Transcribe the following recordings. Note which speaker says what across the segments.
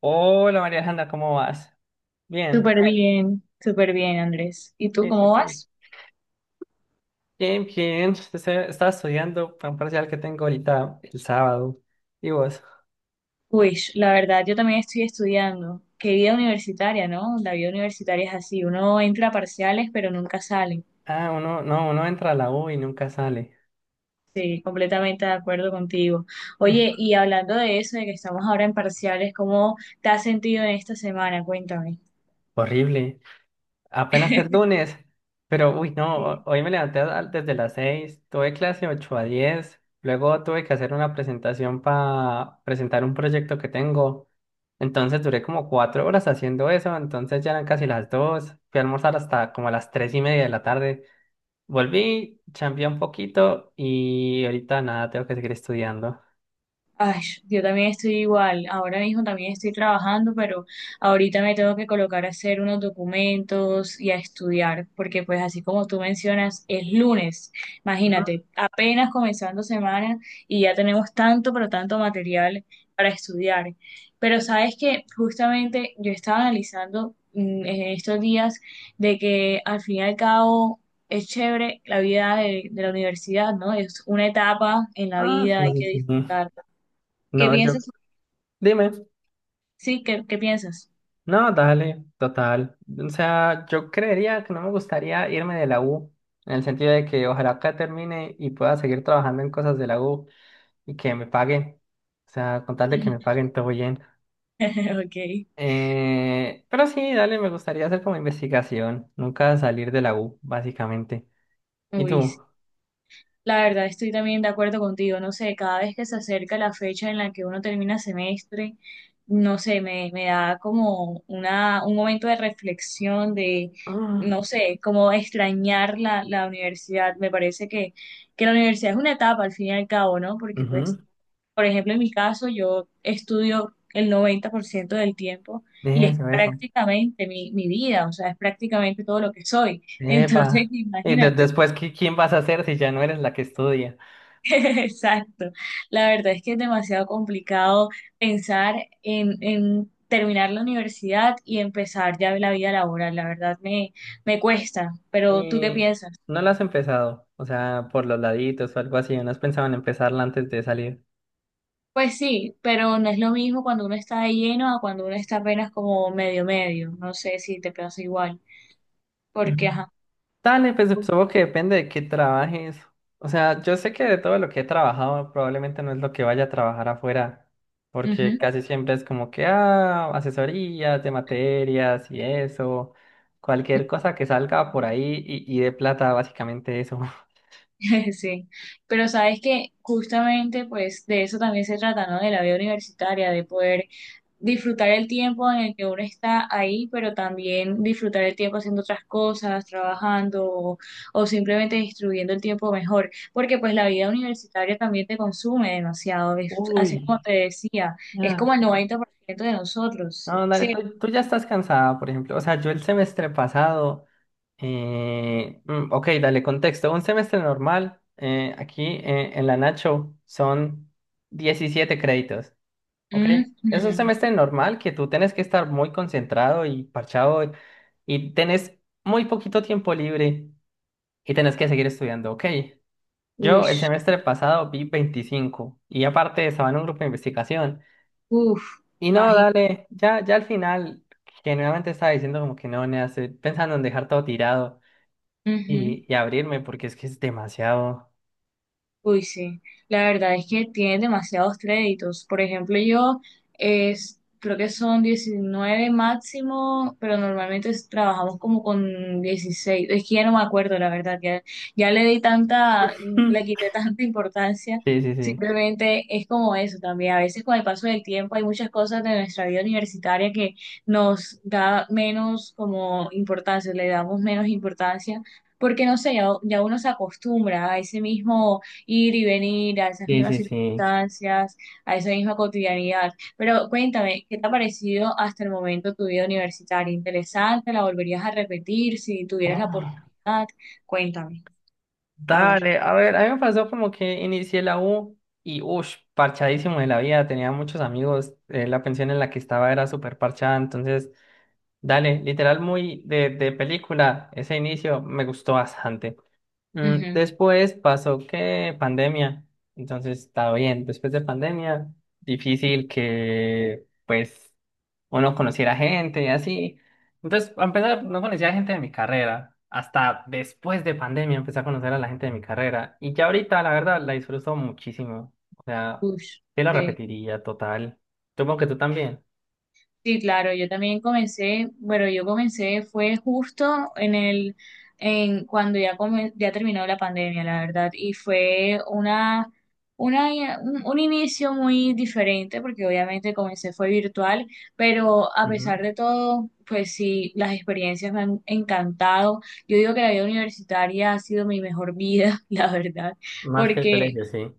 Speaker 1: Hola María Alejandra, ¿cómo vas? Bien,
Speaker 2: Súper bien, Andrés. ¿Y tú
Speaker 1: sí, sí,
Speaker 2: cómo
Speaker 1: sí.
Speaker 2: vas?
Speaker 1: Bien, bien. Estaba estudiando para un parcial que tengo ahorita el sábado. ¿Y vos?
Speaker 2: Pues la verdad, yo también estoy estudiando. Qué vida universitaria, ¿no? La vida universitaria es así, uno entra a parciales, pero nunca sale.
Speaker 1: Ah, uno, no, uno entra a la U y nunca sale.
Speaker 2: Sí, completamente de acuerdo contigo. Oye,
Speaker 1: Eh,
Speaker 2: y hablando de eso, de que estamos ahora en parciales, ¿cómo te has sentido en esta semana? Cuéntame.
Speaker 1: horrible. Apenas el lunes. Pero, uy, no,
Speaker 2: Sí.
Speaker 1: hoy me levanté desde las 6. Tuve clase 8 a 10. Luego tuve que hacer una presentación para presentar un proyecto que tengo. Entonces duré como 4 horas haciendo eso, entonces ya eran casi las 2, fui a almorzar hasta como a las 3:30 de la tarde, volví, chambeé un poquito y ahorita nada, tengo que seguir estudiando.
Speaker 2: Ay, yo también estoy igual. Ahora mismo también estoy trabajando, pero ahorita me tengo que colocar a hacer unos documentos y a estudiar, porque pues así como tú mencionas, es lunes. Imagínate, apenas comenzando semana y ya tenemos tanto, pero tanto material para estudiar. Pero sabes que justamente yo estaba analizando en estos días de que al fin y al cabo es chévere la vida de la universidad, ¿no? Es una etapa en la
Speaker 1: Ah,
Speaker 2: vida,
Speaker 1: sí,
Speaker 2: hay
Speaker 1: sí,
Speaker 2: que
Speaker 1: sí. Sí.
Speaker 2: disfrutar.
Speaker 1: No,
Speaker 2: ¿Qué
Speaker 1: yo,
Speaker 2: piensas?
Speaker 1: dime,
Speaker 2: Sí, ¿qué piensas?
Speaker 1: no, dale, total. O sea, yo creería que no me gustaría irme de la U, en el sentido de que ojalá acá termine y pueda seguir trabajando en cosas de la U y que me paguen. O sea, con tal de que me paguen todo bien.
Speaker 2: Ok.
Speaker 1: Pero sí, dale, me gustaría hacer como investigación, nunca salir de la U, básicamente. ¿Y
Speaker 2: Uy, sí.
Speaker 1: tú?
Speaker 2: La verdad, estoy también de acuerdo contigo. No sé, cada vez que se acerca la fecha en la que uno termina semestre, no sé, me da como una, un momento de reflexión, de,
Speaker 1: Ah,
Speaker 2: no sé, como extrañar la universidad. Me parece que la universidad es una etapa al fin y al cabo, ¿no? Porque pues
Speaker 1: ujú.
Speaker 2: por ejemplo, en mi caso, yo estudio el 90% del tiempo y es
Speaker 1: Eso, eso.
Speaker 2: prácticamente mi vida, o sea, es prácticamente todo lo que soy. Entonces,
Speaker 1: Epa. Y
Speaker 2: imagínate.
Speaker 1: después, ¿quién vas a ser si ya no eres la que estudia?
Speaker 2: Exacto. La verdad es que es demasiado complicado pensar en terminar la universidad y empezar ya la vida laboral. La verdad me cuesta, pero ¿tú qué
Speaker 1: Y
Speaker 2: piensas?
Speaker 1: no la has empezado, o sea, por los laditos o algo así, ¿no has pensado en empezarla antes de salir?
Speaker 2: Pues sí, pero no es lo mismo cuando uno está de lleno a cuando uno está apenas como medio medio. No sé si te pasa igual,
Speaker 1: Ujú.
Speaker 2: porque ajá.
Speaker 1: Dale, pues
Speaker 2: Ujú.
Speaker 1: supongo que depende de qué trabajes. O sea, yo sé que de todo lo que he trabajado, probablemente no es lo que vaya a trabajar afuera, porque casi siempre es como que, ah, asesorías de materias y eso, cualquier cosa que salga por ahí y de plata, básicamente eso.
Speaker 2: Sí, pero sabes que justamente pues de eso también se trata, ¿no? De la vida universitaria, de poder disfrutar el tiempo en el que uno está ahí, pero también disfrutar el tiempo haciendo otras cosas, trabajando o simplemente distribuyendo el tiempo mejor, porque pues la vida universitaria también te consume demasiado, así como
Speaker 1: Uy,
Speaker 2: te decía, es
Speaker 1: ya.
Speaker 2: como el
Speaker 1: Sí.
Speaker 2: 90% de nosotros,
Speaker 1: No, dale,
Speaker 2: sí.
Speaker 1: tú ya estás cansada, por ejemplo. O sea, yo el semestre pasado. Ok, dale contexto. Un semestre normal aquí en la Nacho son 17 créditos. Ok, es un
Speaker 2: Ujú.
Speaker 1: semestre normal que tú tienes que estar muy concentrado y parchado y tenés muy poquito tiempo libre y tenés que seguir estudiando. Ok, yo
Speaker 2: Uy,
Speaker 1: el semestre pasado vi 25 y aparte estaba en un grupo de investigación.
Speaker 2: uf,
Speaker 1: Y no, dale, ya, ya al final, generalmente estaba diciendo como que no, nea, estoy pensando en dejar todo tirado y,
Speaker 2: imagínate.
Speaker 1: y abrirme porque es que es demasiado.
Speaker 2: Uy, sí, la verdad es que tiene demasiados créditos. Por ejemplo, yo creo que son 19 máximo, pero normalmente trabajamos como con 16. Es que ya no me acuerdo, la verdad, ya, ya le di tanta,
Speaker 1: Mm.
Speaker 2: le quité tanta importancia.
Speaker 1: Sí, sí, sí.
Speaker 2: Simplemente es como eso también. A veces con el paso del tiempo hay muchas cosas de nuestra vida universitaria que nos da menos como importancia, le damos menos importancia, porque no sé, ya, ya uno se acostumbra a ese mismo ir y venir a esas
Speaker 1: Sí,
Speaker 2: mismas
Speaker 1: sí, sí.
Speaker 2: circunstancias, a esa misma cotidianidad. Pero cuéntame, ¿qué te ha parecido hasta el momento tu vida universitaria? ¿Interesante? ¿La volverías a repetir si tuvieras la
Speaker 1: Ah,
Speaker 2: oportunidad? Cuéntame. A ver.
Speaker 1: dale, a ver, a mí me pasó como que inicié la U y uff, parchadísimo de la vida, tenía muchos amigos, la pensión en la que estaba era súper parchada, entonces, dale, literal muy de película, ese inicio me gustó bastante. Mm,
Speaker 2: Ujú.
Speaker 1: Después pasó que pandemia, entonces está bien. Después de pandemia, difícil que pues uno conociera gente y así. Entonces, a empezar, no conocía gente de mi carrera. Hasta después de pandemia empecé a conocer a la gente de mi carrera. Y ya ahorita, la verdad, la disfruto muchísimo. O sea,
Speaker 2: Ush,
Speaker 1: yo la
Speaker 2: sí.
Speaker 1: repetiría total. Supongo que tú también.
Speaker 2: Sí, claro, yo también comencé, bueno, yo comencé fue justo en cuando ya terminó la pandemia, la verdad, y fue un inicio muy diferente, porque obviamente comencé fue virtual, pero a
Speaker 1: Ujú.
Speaker 2: pesar de todo, pues sí, las experiencias me han encantado. Yo digo que la vida universitaria ha sido mi mejor vida, la verdad,
Speaker 1: Más que el
Speaker 2: porque
Speaker 1: colegio, sí.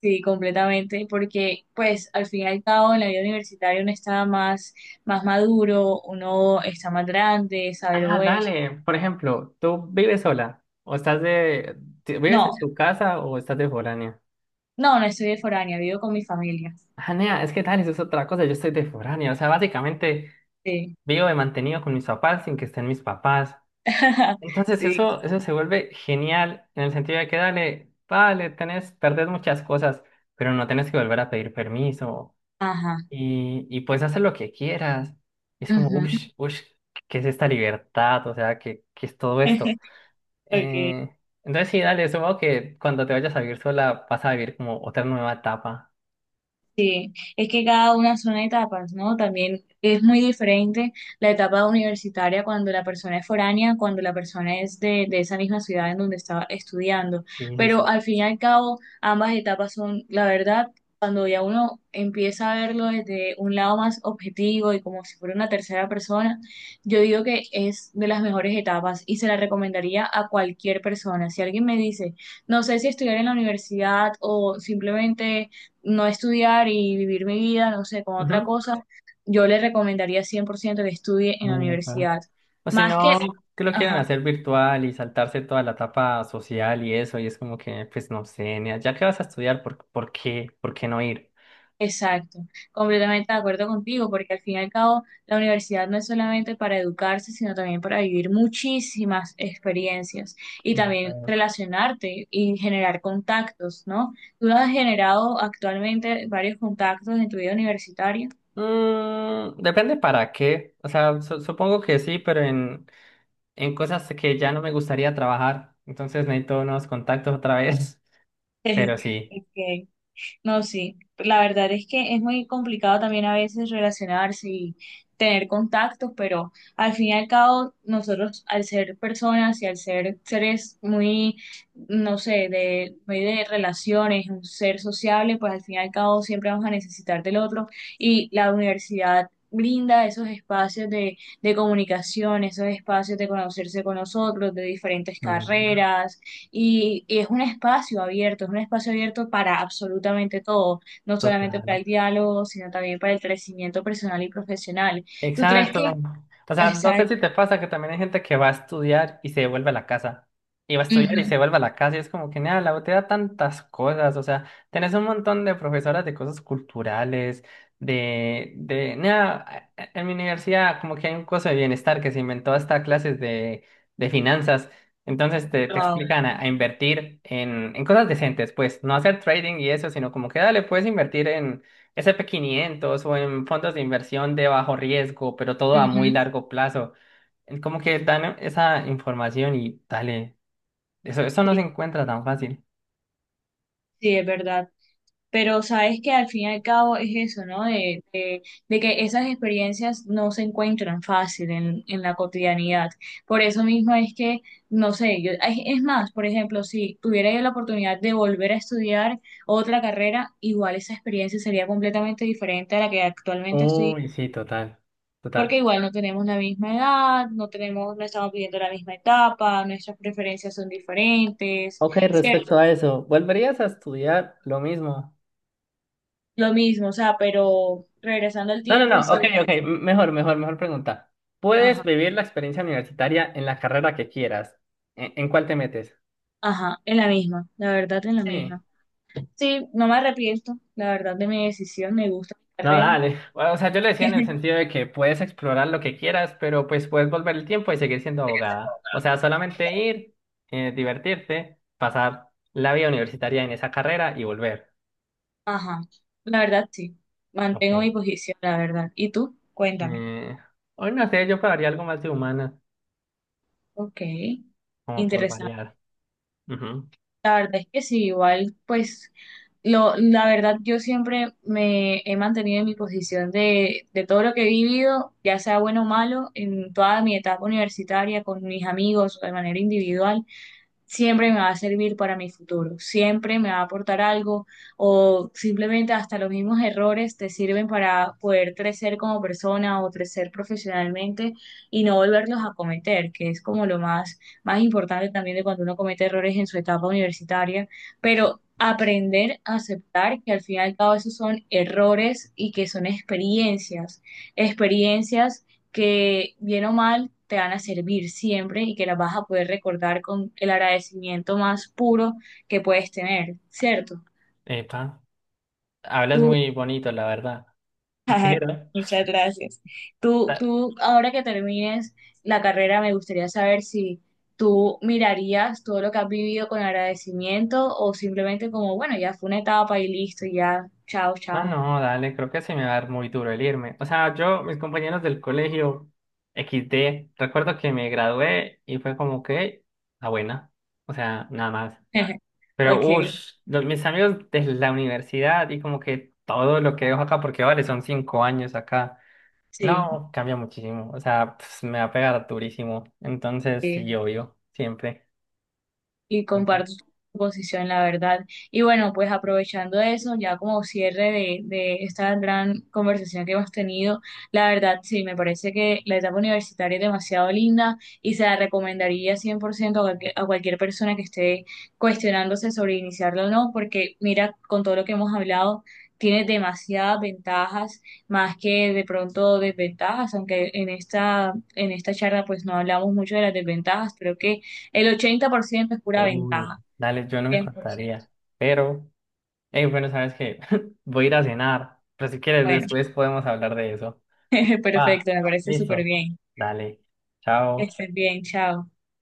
Speaker 2: sí, completamente, porque pues al fin y al cabo en la vida universitaria uno está más, más maduro, uno está más grande, sabe lo
Speaker 1: Ah,
Speaker 2: bueno.
Speaker 1: dale. Por ejemplo, ¿tú vives sola? ¿O estás de... te- ¿Vives
Speaker 2: No,
Speaker 1: en tu casa o estás de foránea?
Speaker 2: no, no estoy de foránea, vivo con mi familia.
Speaker 1: Ah, nea, es que dale, eso es otra cosa. Yo estoy de foránea. O sea, básicamente
Speaker 2: Sí.
Speaker 1: vivo de mantenido con mis papás sin que estén mis papás. Entonces
Speaker 2: Sí.
Speaker 1: eso se vuelve genial en el sentido de que dale, vale, tenés, perdés muchas cosas, pero no tenés que volver a pedir permiso.
Speaker 2: Ajá.
Speaker 1: Y puedes hacer lo que quieras. Es como, uff,
Speaker 2: Ujú.
Speaker 1: uff, ¿qué es esta libertad? O sea, ¿qué es todo esto?
Speaker 2: Ok.
Speaker 1: Eh, entonces sí, dale, supongo que cuando te vayas a vivir sola vas a vivir como otra nueva etapa.
Speaker 2: Sí, es que cada una son etapas, ¿no? También es muy diferente la etapa universitaria cuando la persona es foránea, cuando la persona es de esa misma ciudad en donde estaba estudiando.
Speaker 1: Sí, sí,
Speaker 2: Pero
Speaker 1: sí.
Speaker 2: al fin y al cabo, ambas etapas son, la verdad, cuando ya uno empieza a verlo desde un lado más objetivo y como si fuera una tercera persona, yo digo que es de las mejores etapas y se la recomendaría a cualquier persona. Si alguien me dice, no sé si estudiar en la universidad o simplemente no estudiar y vivir mi vida, no sé, con otra
Speaker 1: Ujú.
Speaker 2: cosa, yo le recomendaría 100% que estudie en la
Speaker 1: Epa.
Speaker 2: universidad.
Speaker 1: O si
Speaker 2: Más que,
Speaker 1: no, que lo quieren
Speaker 2: ajá,
Speaker 1: hacer virtual y saltarse toda la etapa social y eso, y es como que, pues no sé, nea, ya que vas a estudiar, ¿por qué? ¿Por qué no ir?
Speaker 2: exacto, completamente de acuerdo contigo, porque al fin y al cabo la universidad no es solamente para educarse, sino también para vivir muchísimas experiencias y también
Speaker 1: Bueno.
Speaker 2: relacionarte y generar contactos, ¿no? Tú has generado actualmente varios contactos en tu vida universitaria.
Speaker 1: Depende para qué. O sea, supongo que sí, pero en cosas que ya no me gustaría trabajar. Entonces necesito unos contactos otra vez. Pero sí.
Speaker 2: Ok. No, sí, la verdad es que es muy complicado también a veces relacionarse y tener contactos, pero al fin y al cabo nosotros al ser personas y al ser seres muy, no sé, de, muy de relaciones, un ser sociable, pues al fin y al cabo siempre vamos a necesitar del otro y la universidad brinda esos espacios de comunicación, esos espacios de conocerse con nosotros, de diferentes
Speaker 1: Mm,
Speaker 2: carreras y es un espacio abierto, es un espacio abierto para absolutamente todo, no solamente para
Speaker 1: total.
Speaker 2: el diálogo, sino también para el crecimiento personal y profesional. ¿Tú crees
Speaker 1: Exacto.
Speaker 2: que...
Speaker 1: O sea, no sé
Speaker 2: Exacto.
Speaker 1: si te pasa que también hay gente que va a estudiar y se devuelve a la casa. Y va a estudiar y
Speaker 2: Ujú.
Speaker 1: se vuelve a la casa y es como que, nada, la U te da tantas cosas. O sea, tenés un montón de profesoras de cosas culturales, nada, en mi universidad como que hay un curso de bienestar que se inventó hasta clases de finanzas. Entonces te
Speaker 2: Wow.
Speaker 1: explican a invertir en cosas decentes, pues, no hacer trading y eso, sino como que, dale, puedes invertir en S&P 500 o en fondos de inversión de bajo riesgo, pero todo a muy
Speaker 2: Ujú.
Speaker 1: largo plazo. Es como que dan esa información y dale, eso no
Speaker 2: Sí,
Speaker 1: se encuentra tan fácil.
Speaker 2: sí, es verdad. Pero sabes que al fin y al cabo es eso, ¿no? De de que esas experiencias no se encuentran fácil en la cotidianidad. Por eso mismo es que, no sé, yo, ay, es más, por ejemplo, si tuviera yo la oportunidad de volver a estudiar otra carrera, igual esa experiencia sería completamente diferente a la que actualmente estoy,
Speaker 1: Uy, sí, total,
Speaker 2: porque
Speaker 1: total.
Speaker 2: igual no tenemos la misma edad, no tenemos, no estamos viviendo la misma etapa, nuestras preferencias son diferentes,
Speaker 1: Ok,
Speaker 2: ¿cierto?
Speaker 1: respecto a eso, ¿volverías a estudiar lo mismo?
Speaker 2: Lo mismo, o sea, pero regresando al
Speaker 1: No, no,
Speaker 2: tiempo y si...
Speaker 1: no, ok, ok, mejor, mejor, mejor pregunta. Puedes
Speaker 2: Ajá.
Speaker 1: vivir la experiencia universitaria en la carrera que quieras. ¿En cuál te metes?
Speaker 2: Ajá, en la misma, la verdad en la
Speaker 1: Sí.
Speaker 2: misma. Sí, no me arrepiento, la verdad de mi decisión, me gusta mi
Speaker 1: No,
Speaker 2: carrera.
Speaker 1: dale. Bueno, o sea, yo le decía en el sentido de que puedes explorar lo que quieras, pero pues puedes volver el tiempo y seguir siendo abogada. O sea, solamente ir, divertirte, pasar la vida universitaria en esa carrera y volver.
Speaker 2: Ajá, la verdad sí, mantengo mi
Speaker 1: Ok.
Speaker 2: posición, la verdad. ¿Y tú? Cuéntame.
Speaker 1: Eh, hoy no sé, yo pagaría algo más de humana,
Speaker 2: Ok,
Speaker 1: como por
Speaker 2: interesante.
Speaker 1: variar. Ujú.
Speaker 2: La verdad es que sí, igual, pues, la verdad yo siempre me he mantenido en mi posición de todo lo que he vivido, ya sea bueno o malo, en toda mi etapa universitaria, con mis amigos, de manera individual. Siempre me va a servir para mi futuro, siempre me va a aportar algo o simplemente hasta los mismos errores te sirven para poder crecer como persona o crecer profesionalmente y no volverlos a cometer, que es como lo más, más importante también de cuando uno comete errores en su etapa universitaria, pero aprender a aceptar que al fin y al cabo esos son errores y que son experiencias, experiencias que bien o mal te van a servir siempre y que las vas a poder recordar con el agradecimiento más puro que puedes tener, ¿cierto?
Speaker 1: Epa, hablas
Speaker 2: Tú,
Speaker 1: muy bonito, la verdad.
Speaker 2: muchas gracias.
Speaker 1: Pero,
Speaker 2: Ahora que termines la carrera, me gustaría saber si tú mirarías todo lo que has vivido con agradecimiento o simplemente como, bueno, ya fue una etapa y listo, ya, chao,
Speaker 1: ah,
Speaker 2: chao.
Speaker 1: no, dale, creo que se me va a dar muy duro el irme. O sea, yo, mis compañeros del colegio XD, recuerdo que me gradué y fue como que la buena. O sea, nada más. Pero,
Speaker 2: Ok,
Speaker 1: uff, mis amigos de la universidad y como que todo lo que dejo acá, porque vale, son 5 años acá.
Speaker 2: sí.
Speaker 1: No, cambia muchísimo. O sea, pues, me va a pegar durísimo. Entonces,
Speaker 2: Sí.
Speaker 1: sí, obvio, siempre.
Speaker 2: Y
Speaker 1: Entonces,
Speaker 2: comparto tu posición, la verdad. Y bueno, pues aprovechando eso, ya como cierre de esta gran conversación que hemos tenido, la verdad sí, me parece que la etapa universitaria es demasiado linda y se la recomendaría 100% a cualquier persona que esté cuestionándose sobre iniciarla o no, porque mira, con todo lo que hemos hablado, tiene demasiadas ventajas, más que de pronto desventajas, aunque en esta charla pues no hablamos mucho de las desventajas, creo que el 80% es pura
Speaker 1: uy,
Speaker 2: ventaja,
Speaker 1: dale, yo no
Speaker 2: 100%.
Speaker 1: encontraría. Pero. Hey, bueno, ¿sabes qué? Voy a ir a cenar, pero si quieres
Speaker 2: Bueno,
Speaker 1: después podemos hablar de eso. Va,
Speaker 2: perfecto, me parece súper
Speaker 1: listo.
Speaker 2: bien.
Speaker 1: Dale,
Speaker 2: Que
Speaker 1: chao.
Speaker 2: estés bien, chao.